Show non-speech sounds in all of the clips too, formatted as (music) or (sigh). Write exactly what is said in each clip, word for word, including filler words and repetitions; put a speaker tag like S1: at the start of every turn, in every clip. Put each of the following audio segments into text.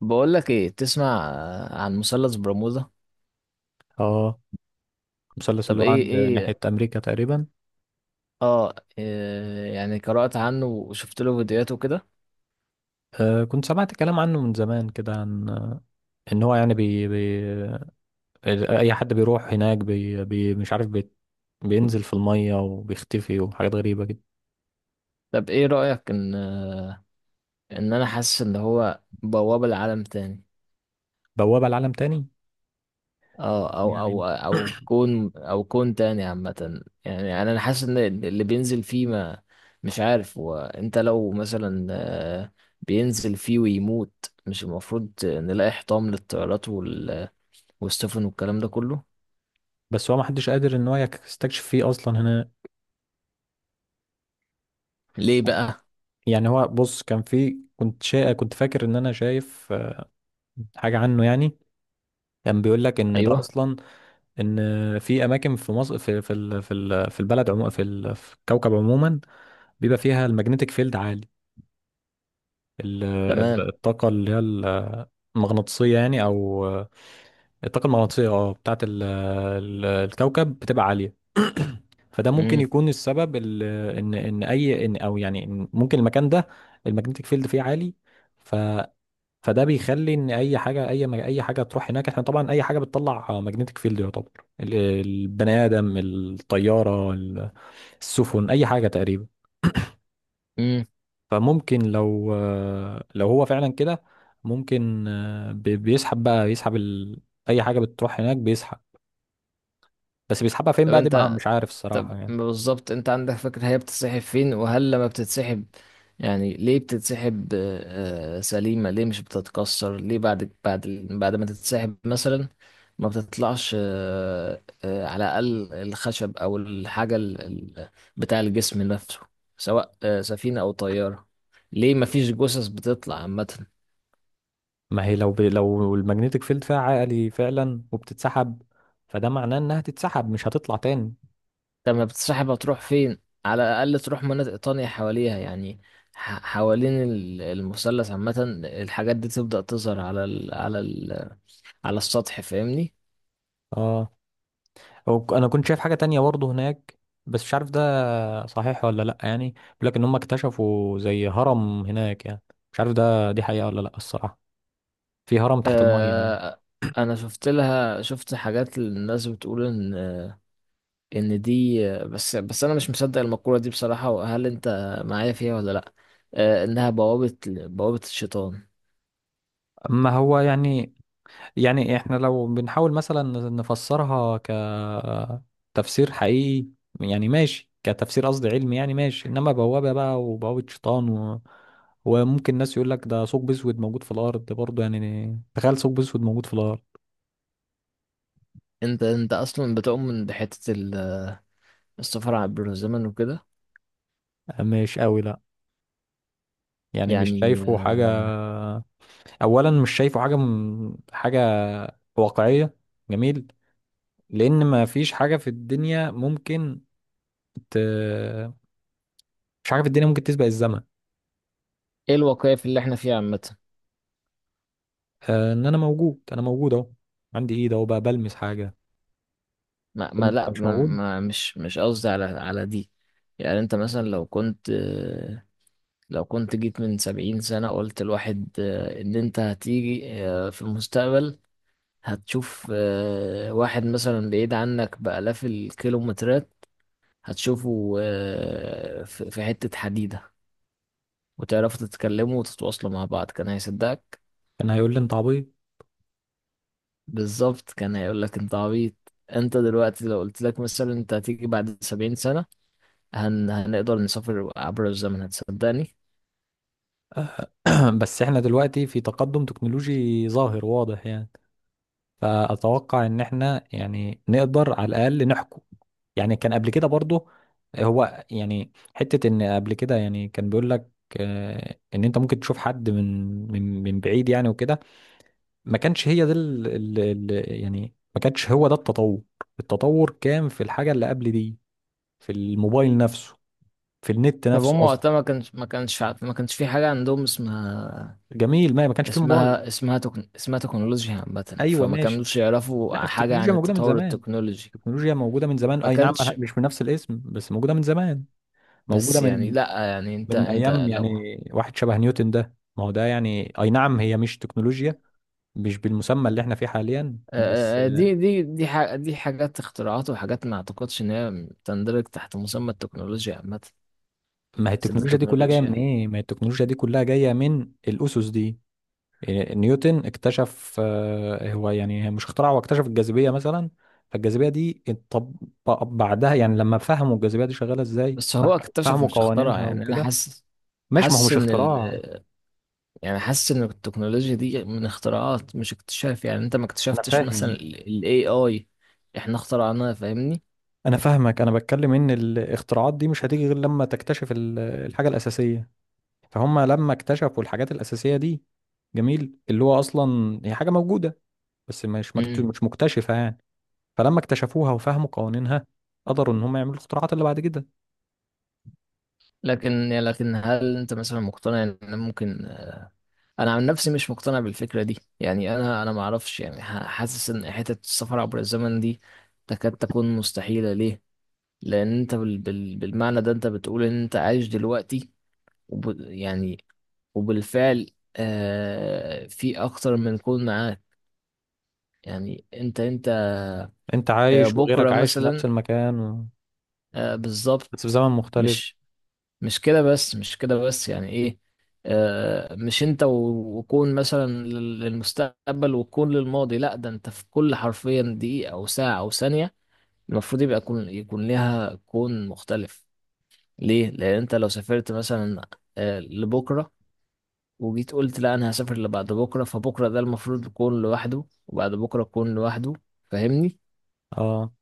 S1: بقول لك ايه، تسمع آه، عن مثلث برمودا؟
S2: اه. المثلث
S1: طب
S2: اللي هو
S1: ايه
S2: عند ناحية
S1: ايه
S2: أمريكا تقريبا.
S1: اه، إيه، يعني قرأت عنه وشفت له فيديوهات وكده.
S2: آه كنت سمعت كلام عنه من زمان كده عن آه، إن هو يعني بي بي أي حد بيروح هناك، بي بي مش عارف، بي بينزل في المية وبيختفي وحاجات غريبة كده.
S1: طب ايه رأيك ان ان انا حاسس ان هو بوابة لعالم تاني؟
S2: بوابة لعالم تاني
S1: اه، او
S2: يعني.
S1: او او كون او كون تاني عامة، يعني انا أنا حاسس ان اللي بينزل فيه ما... مش عارف. وانت لو مثلا آه، بينزل فيه ويموت، مش المفروض نلاقي حطام للطيارات وال- والسفن والكلام ده كله؟
S2: بس هو محدش قادر إن هو يستكشف فيه أصلا هنا.
S1: ليه بقى؟
S2: يعني هو بص كان في كنت شا... كنت فاكر إن أنا شايف آه، حاجة عنه يعني. كان بيقول لك إن ده
S1: ايوه.
S2: أصلا ان في اماكن في مصر في في ال- في ال- في البلد عموما، في ال- في الكوكب عموما بيبقى فيها الماجنتيك فيلد عالي. ال-
S1: تمام.
S2: ال- الطاقه اللي هي ال- المغناطيسيه يعني، او الطاقه المغناطيسيه، اه بتاعت ال- ال- الكوكب بتبقى عاليه. (clears throat) فده ممكن
S1: امم.
S2: يكون السبب ال- ان ان اي ان او يعني إن ممكن المكان ده الماجنتيك فيلد فيه عالي، فده بيخلي ان اي حاجه اي اي حاجه تروح هناك. احنا طبعا اي حاجه بتطلع ماجنتيك فيلد يعتبر ال- البني ادم، الطياره، ال- السفن، اي حاجه تقريبا.
S1: امم.
S2: فممكن لو لو هو فعلا كده ممكن بي- بيسحب بقى، بيسحب ال... اي حاجه بتروح هناك بيسحب. بس بيسحبها فين
S1: طب
S2: بقى دي مع-
S1: انت
S2: مش عارف
S1: طب
S2: الصراحه يعني.
S1: بالظبط، انت عندك فكرة هي بتتسحب فين؟ وهل لما بتتسحب يعني ليه بتتسحب آه، آه، سليمة؟ ليه مش بتتكسر؟ ليه بعد بعد بعد ما تتسحب مثلا ما بتطلعش آه، آه، على الأقل الخشب أو الحاجة ال- ال- بتاع الجسم نفسه، سواء آه، سفينة أو طيارة؟ ليه ما فيش جثث بتطلع عامة؟
S2: ما هي لو ب... لو الماجنتيك فيلد فيها عالي فعلا وبتتسحب، فده معناه انها تتسحب، مش هتطلع تاني.
S1: طب ما بتسحب، هتروح فين؟ على الاقل تروح مناطق تانية حواليها، يعني ح- حوالين ال- المثلث عامة الحاجات دي تبدأ تظهر على ال على ال على السطح، فاهمني؟
S2: اه. أو- ك- انا كنت شايف حاجه تانية برضه هناك، بس مش عارف ده صحيح ولا لا. يعني بيقول لك ان هم اكتشفوا زي هرم هناك يعني، مش عارف ده دي حقيقة ولا لا الصراحة، في هرم تحت المية يعني.
S1: آه. انا شفت لها شفت حاجات، الناس بتقول ان ان دي... بس بس انا مش مصدق المقولة دي بصراحة. وهل انت معايا فيها ولا لا؟ آه، انها بوابة بوابة الشيطان.
S2: ما هو يعني، يعني احنا لو بنحاول مثلا نفسرها كتفسير حقيقي، يعني ماشي، كتفسير قصدي علمي، يعني ماشي. انما بوابة بقى، وبوابة شيطان و... وممكن ناس يقول لك ده ثقب اسود موجود في الارض برضه. يعني تخيل ثقب اسود موجود في الارض.
S1: انت انت اصلا بتؤمن بحتة ال- السفر عبر الزمن وكده؟
S2: مش قوي لا. يعني مش
S1: يعني
S2: شايفه
S1: آه،
S2: حاجة. اولا مش شايفه حاجه م... حاجه واقعية. جميل. لأن ما فيش حاجة في الدنيا ممكن ت... مش حاجة في الدنيا ممكن تسبق الزمن.
S1: ايه الواقعية في اللي احنا فيها عامة؟
S2: آه، إن أنا موجود، أنا موجود أهو، عندي إيد أهو بقى بلمس حاجة.
S1: ما,
S2: طب
S1: ما
S2: أنت
S1: لا،
S2: مش
S1: ما,
S2: موجود؟
S1: ما مش مش قصدي على على دي. يعني انت مثلا لو كنت، لو كنت جيت من سبعين سنة قلت الواحد ان انت هتيجي آه، في المستقبل، هتشوف آه، واحد مثلا بعيد عنك بآلاف الكيلومترات، هتشوفه آه، في في حتة حديدة، وتعرفوا تتكلموا وتتواصلوا مع بعض، كان هيصدقك؟
S2: كان هيقول لي أنت عبيط.
S1: بالظبط، كان هيقولك انت عبيط. انت دلوقتي لو قلت لك مثلا انت هتيجي بعد سبعين سنة، هن... هنقدر نسافر عبر الزمن، هتصدقني؟
S2: (clears throat) بس إحنا دلوقتي في تقدم تكنولوجي ظاهر واضح يعني. فأتوقع إن إحنا يعني نقدر على الأقل نحكم. يعني كان قبل كده برضه، هو يعني حتة إن قبل كده يعني كان بيقول لك آه، إن أنت ممكن تشوف حد من من من بعيد يعني وكده. ما كانش هي ده ال... ال... ال... يعني ما كانش هو ده التطور. التطور كان في الحاجة اللي قبل دي، في الموبايل نفسه، في النت
S1: طب
S2: نفسه
S1: هما
S2: أصلا.
S1: وقتها ما كانش ما كانش عارف- ما كانش في حاجة عندهم اسمها،
S2: جميل. ما ما كانش فيه موبايل.
S1: اسمها اسمها تكن... اسمها تكنولوجيا عامة،
S2: أيوه،
S1: فما
S2: ماشي.
S1: كانوش
S2: لا،
S1: يعرفوا حاجة عن
S2: التكنولوجيا موجودة من
S1: التطور
S2: زمان.
S1: التكنولوجي.
S2: التكنولوجيا موجودة من زمان،
S1: ما
S2: أي نعم،
S1: كانش...
S2: مش بنفس الاسم، بس موجودة من زمان. موجودة
S1: بس يعني
S2: من
S1: لا، يعني انت
S2: من
S1: انت
S2: أيام
S1: لو آه،
S2: يعني، واحد شبه نيوتن ده، ما هو ده يعني، أي نعم هي مش تكنولوجيا، مش بالمسمى اللي احنا فيه حاليا بس.
S1: آه، آه، دي دي دي ح... دي حاجات اختراعات وحاجات، ما اعتقدش ان هي تندرج تحت مسمى التكنولوجيا عامة.
S2: ما هي
S1: بس انت
S2: التكنولوجيا دي كلها جاية من
S1: التكنولوجيا...
S2: إيه؟ ما هي التكنولوجيا دي كلها جاية من الأسس دي. إيه، نيوتن اكتشف، آه، هو يعني مش اخترع، هو اكتشف الجاذبية مثلا. فالجاذبية دي اتطبق بعدها، يعني لما فهموا الجاذبية دي شغالة ازاي،
S1: بس هو
S2: فهموا
S1: اكتشف
S2: فهموا
S1: مش اخترع،
S2: قوانينها
S1: يعني انا
S2: وكده.
S1: حاسس،
S2: ماشي، ما هو
S1: حاسس
S2: مش
S1: ان
S2: اختراع.
S1: ال... يعني حاسس ان التكنولوجيا دي من اختراعات مش اكتشاف، يعني انت ما
S2: انا
S1: اكتشفتش مثلا
S2: فاهم.
S1: ال اي اي، احنا اخترعناها، فاهمني؟
S2: انا فاهمك، انا بتكلم ان الاختراعات دي مش هتيجي غير لما تكتشف ال- الحاجة الأساسية. فهم لما اكتشفوا الحاجات الأساسية دي، جميل، اللي هو اصلا هي حاجة موجودة بس مش مكت-
S1: امم.
S2: مش مكتشفة يعني. فلما اكتشفوها وفهموا قوانينها، قدروا ان هم يعملوا الاختراعات اللي بعد كده.
S1: لكن يعني، لكن هل انت مثلا مقتنع ان ممكن آه، انا عن نفسي مش مقتنع بالفكرة دي، يعني انا انا ما اعرفش، يعني ح- حاسس ان حتة السفر عبر الزمن دي تكاد تكون مستحيلة. ليه؟ لان انت بال بال بالمعنى ده انت بتقول ان انت عايش دلوقتي، وب يعني وبالفعل آه في اكتر من كون معاك. يعني انت انت
S2: انت
S1: آه،
S2: عايش، وغيرك
S1: بكرة
S2: عايش في نفس
S1: مثلا،
S2: المكان و...
S1: آه،
S2: بس في
S1: بالظبط.
S2: زمن مختلف.
S1: مش، مش كده بس، مش كده بس، يعني ايه؟ آه، مش انت و- وكون مثلا لل- للمستقبل وكون للماضي، لا، ده انت في كل حرفيا دقيقة او ساعة او ثانية المفروض يبقى يكون، يكون ليها كون مختلف. ليه؟ لان انت لو سافرت مثلا آه، لبكرة، وجيت قلت لا انا هسافر لبعد بكرة، فبكرة ده المفروض يكون لوحده، وبعد بكرة يكون لوحده، فاهمني؟
S2: اه.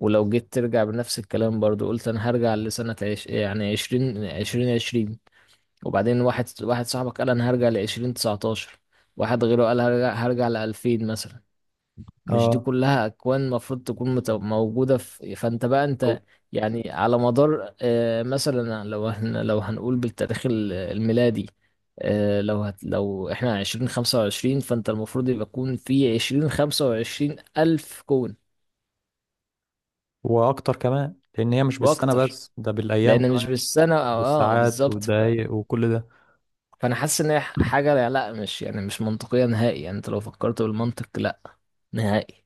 S1: ولو جيت ترجع بنفس الكلام برضو قلت انا هرجع لسنة عش... يعني عشرين عشرين عشرين، وبعدين واحد واحد صاحبك قال انا هرجع لعشرين تسعتاشر، واحد غيره قال هرجع هرجع لألفين مثلا. مش دي
S2: اه.
S1: كلها أكوان المفروض تكون مت... موجودة في، فأنت بقى
S2: أو-
S1: أنت يعني على مدار آه، مثلا، لو هن... لو هنقول بالتاريخ ال- الميلادي، آه، لو هت... لو احنا عشرين خمسة وعشرين، فأنت المفروض يبقى يكون في عشرين خمسة وعشرين ألف كون
S2: واكتر كمان، لان هي مش بالسنه
S1: وأكتر.
S2: بس، ده بالايام
S1: لان مش
S2: كمان،
S1: بالسنه او، اه،
S2: بالساعات
S1: بالظبط، ف...
S2: والدقايق وكل ده.
S1: فانا حاسس ان هي ح- حاجه لا مش، يعني مش منطقيه نهائي، يعني انت لو فكرت بالمنطق لا نهائي.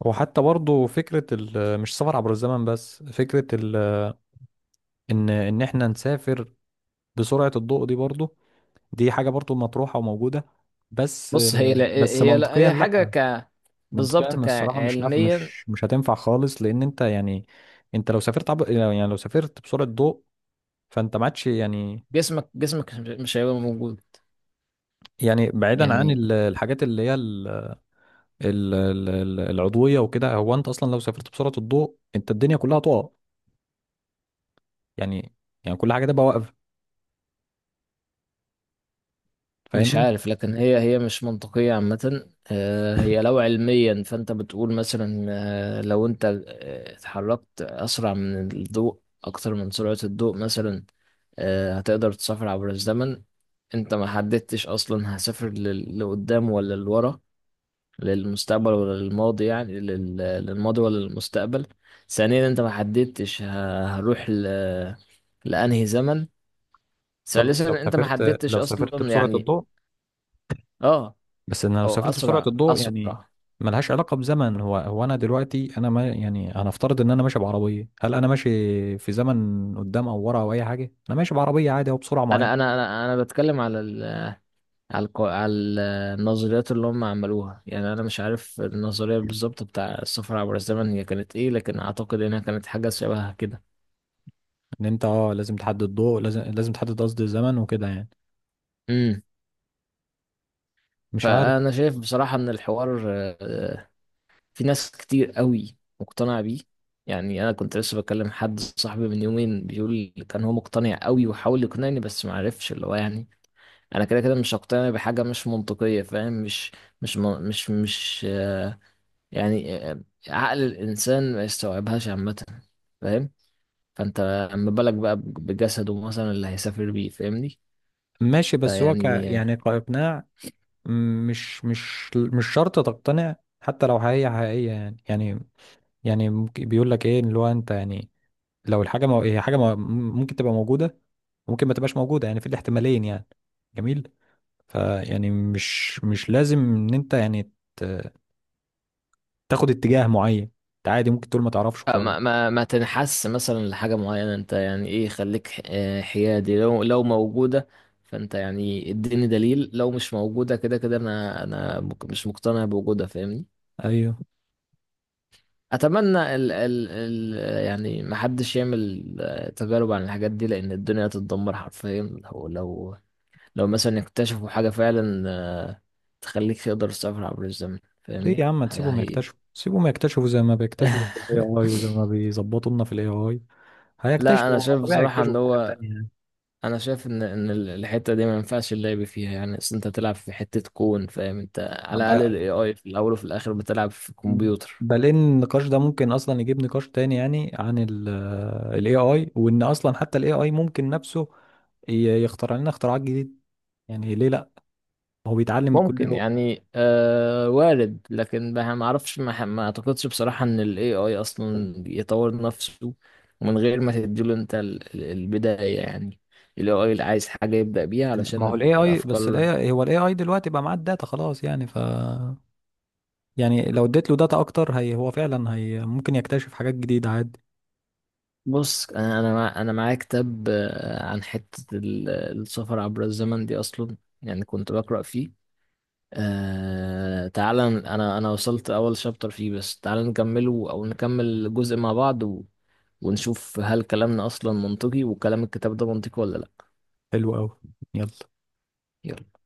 S2: وحتى برضو فكره ال... مش سفر عبر الزمن بس، فكره ال... ان ان احنا نسافر بسرعه الضوء دي برضو، دي حاجه برضو مطروحه وموجوده. بس
S1: بص، هي لا
S2: بس
S1: هي لا
S2: منطقيا
S1: هي حاجه
S2: لا.
S1: ك
S2: منطقيا
S1: بالظبط،
S2: الصراحه مش نافع،
S1: كعلميا،
S2: مش مش هتنفع خالص، لان انت يعني، انت لو سافرت عب... يعني لو سافرت بسرعه ضوء، فانت ما عادش يعني.
S1: جسمك جسمك مش هيبقى موجود.
S2: يعني بعيدا عن
S1: يعني
S2: ال- الحاجات اللي هي ال- ال- ال- ال- العضويه وكده، هو انت اصلا لو سافرت بسرعه الضوء انت الدنيا كلها تقع، يعني، يعني كل حاجه تبقى واقفه،
S1: مش
S2: فاهمني.
S1: عارف، لكن هي هي مش منطقية عامة. آه، هي لو علميا، فأنت بتقول مثلا آه، لو أنت آه، اتحركت أسرع من الضوء، أكتر من سرعة الضوء مثلا، آه، هتقدر تسافر عبر الزمن. أنت ما حددتش أصلا هسافر لل- لقدام ولا لورا، للمستقبل ولا للماضي، يعني لل- للماضي ولا للمستقبل. ثانيا، أنت ما حددتش ه- هروح ل- لأنهي زمن.
S2: قصدك لو
S1: ثالثا، أنت ما
S2: سافرت
S1: حددتش
S2: لو سافرت
S1: أصلا
S2: بسرعه
S1: يعني...
S2: الضوء.
S1: اه،
S2: بس انا لو
S1: او
S2: سافرت بسرعه
S1: اسرع
S2: الضوء يعني
S1: اسرع
S2: ملهاش علاقه بزمن. هو هو انا دلوقتي انا ما يعني هنفترض ان انا ماشي بعربيه، هل انا ماشي في زمن قدام او ورا او اي حاجه؟ انا ماشي بعربيه عادي او بسرعه
S1: انا
S2: معينه.
S1: انا انا انا بتكلم على ال على الق- على النظريات اللي هم عملوها، يعني انا مش عارف النظريه بالظبط بتاع السفر عبر الزمن هي كانت ايه، لكن اعتقد انها كانت حاجه شبهها كده.
S2: ان انت اه لازم تحدد ضوء، لازم لازم تحدد قصدي الزمن وكده يعني.
S1: امم.
S2: مش عارف.
S1: فانا شايف بصراحه ان الحوار آه، في ناس كتير قوي مقتنعه بيه. يعني انا كنت لسه بكلم حد صاحبي من يومين، بيقول لي كان هو مقتنع قوي وحاول يقنعني بس ما عرفش. اللي هو يعني، انا كده كده مش هقتنع بحاجه مش منطقيه، فاهم؟ مش مش م- مش مش آه، يعني آه، عقل الإنسان ما يستوعبهاش عامة، فاهم؟ فأنت أما بالك بقى بجسده مثلا اللي هيسافر بيه، فاهمني؟
S2: ماشي، بس هو ك
S1: فيعني
S2: يعني كإقناع، مش مش مش شرط تقتنع. حتى لو حقيقية، حقيقية، يعني يعني يعني ممكن- بيقول لك ايه، اللي هو انت يعني، لو الحاجة مو... هي حاجة مو... ممكن تبقى موجودة، ممكن ما تبقاش موجودة، يعني في الاحتمالين يعني. جميل. فيعني مش مش لازم ان انت يعني ت... تاخد اتجاه معين. انت عادي ممكن تقول ما تعرفش
S1: آه،
S2: وخلاص.
S1: ما ما ما تنحس مثلا لحاجة معينة، أنت يعني إيه، خليك ح- آه، حيادي، لو لو موجودة فأنت يعني اديني دليل، لو مش موجودة كده كده أنا، أنا مك- مش مقتنع بوجودها، فاهمني؟
S2: ايوه.
S1: أتمنى ال ال ال يعني محدش يعمل آه، تجارب عن الحاجات دي، لأن الدنيا هتتدمر حرفيا لو، لو لو مثلا اكتشفوا حاجة فعلا آه، تخليك تقدر تسافر عبر الزمن،
S2: ليه
S1: فاهمني؟
S2: يا عم ما
S1: حاجة
S2: تسيبهم
S1: حقيقية.
S2: يكتشفوا، سيبهم يكتشفوا زي ما بيكتشفوا في الاي اي، وزي
S1: (laughs)
S2: ما بيظبطوا لنا في الاي اي.
S1: لا، انا
S2: هيكتشفوا،
S1: شايف
S2: طبيعي
S1: بصراحة ان
S2: يكتشفوا حاجات
S1: هو،
S2: تانية.
S1: انا شايف ان ان ال- الحتة دي ما ينفعش اللعب فيها، يعني اصل انت تلعب في حتة كون، فاهم؟ انت على
S2: ب-
S1: الاقل الاي اي في الاول وفي الاخر بتلعب في كمبيوتر.
S2: بلين النقاش ده ممكن اصلا يجيب نقاش تاني يعني، عن ال اي اي، وان اصلا حتى ال اي اي ممكن نفسه ي- يخترع لنا اختراعات جديدة. يعني ليه لا؟ هو بيتعلم كل
S1: ممكن
S2: يوم.
S1: يعني، آه وارد، لكن ما ما اعرفش، ما, ما اعتقدش بصراحة ان ال اي اي اصلا يطور نفسه من غير ما تديله انت ال- ال- البداية يعني. ال اي اي اللي عايز حاجة يبدأ بيها
S2: ما
S1: علشان
S2: هو ال اي اي، بس ال
S1: الافكار.
S2: اي اي هو ال اي اي دلوقتي بقى معاه الداتا خلاص يعني، ف يعني لو اديت له داتا اكتر، هي هو فعلا هي ممكن يكتشف حاجات جديدة عادي.
S1: بص، انا انا مع انا معايا كتاب آه، عن حتة ال- السفر عبر الزمن دي اصلا، يعني كنت بقرأ فيه. آه تعال، ن- انا انا وصلت اول شابتر فيه بس، تعال نكمله او نكمل جزء مع بعض و... ونشوف هل كلامنا اصلا منطقي وكلام الكتاب ده منطقي ولا لا.
S2: حلو قوي. يلا.
S1: يلا.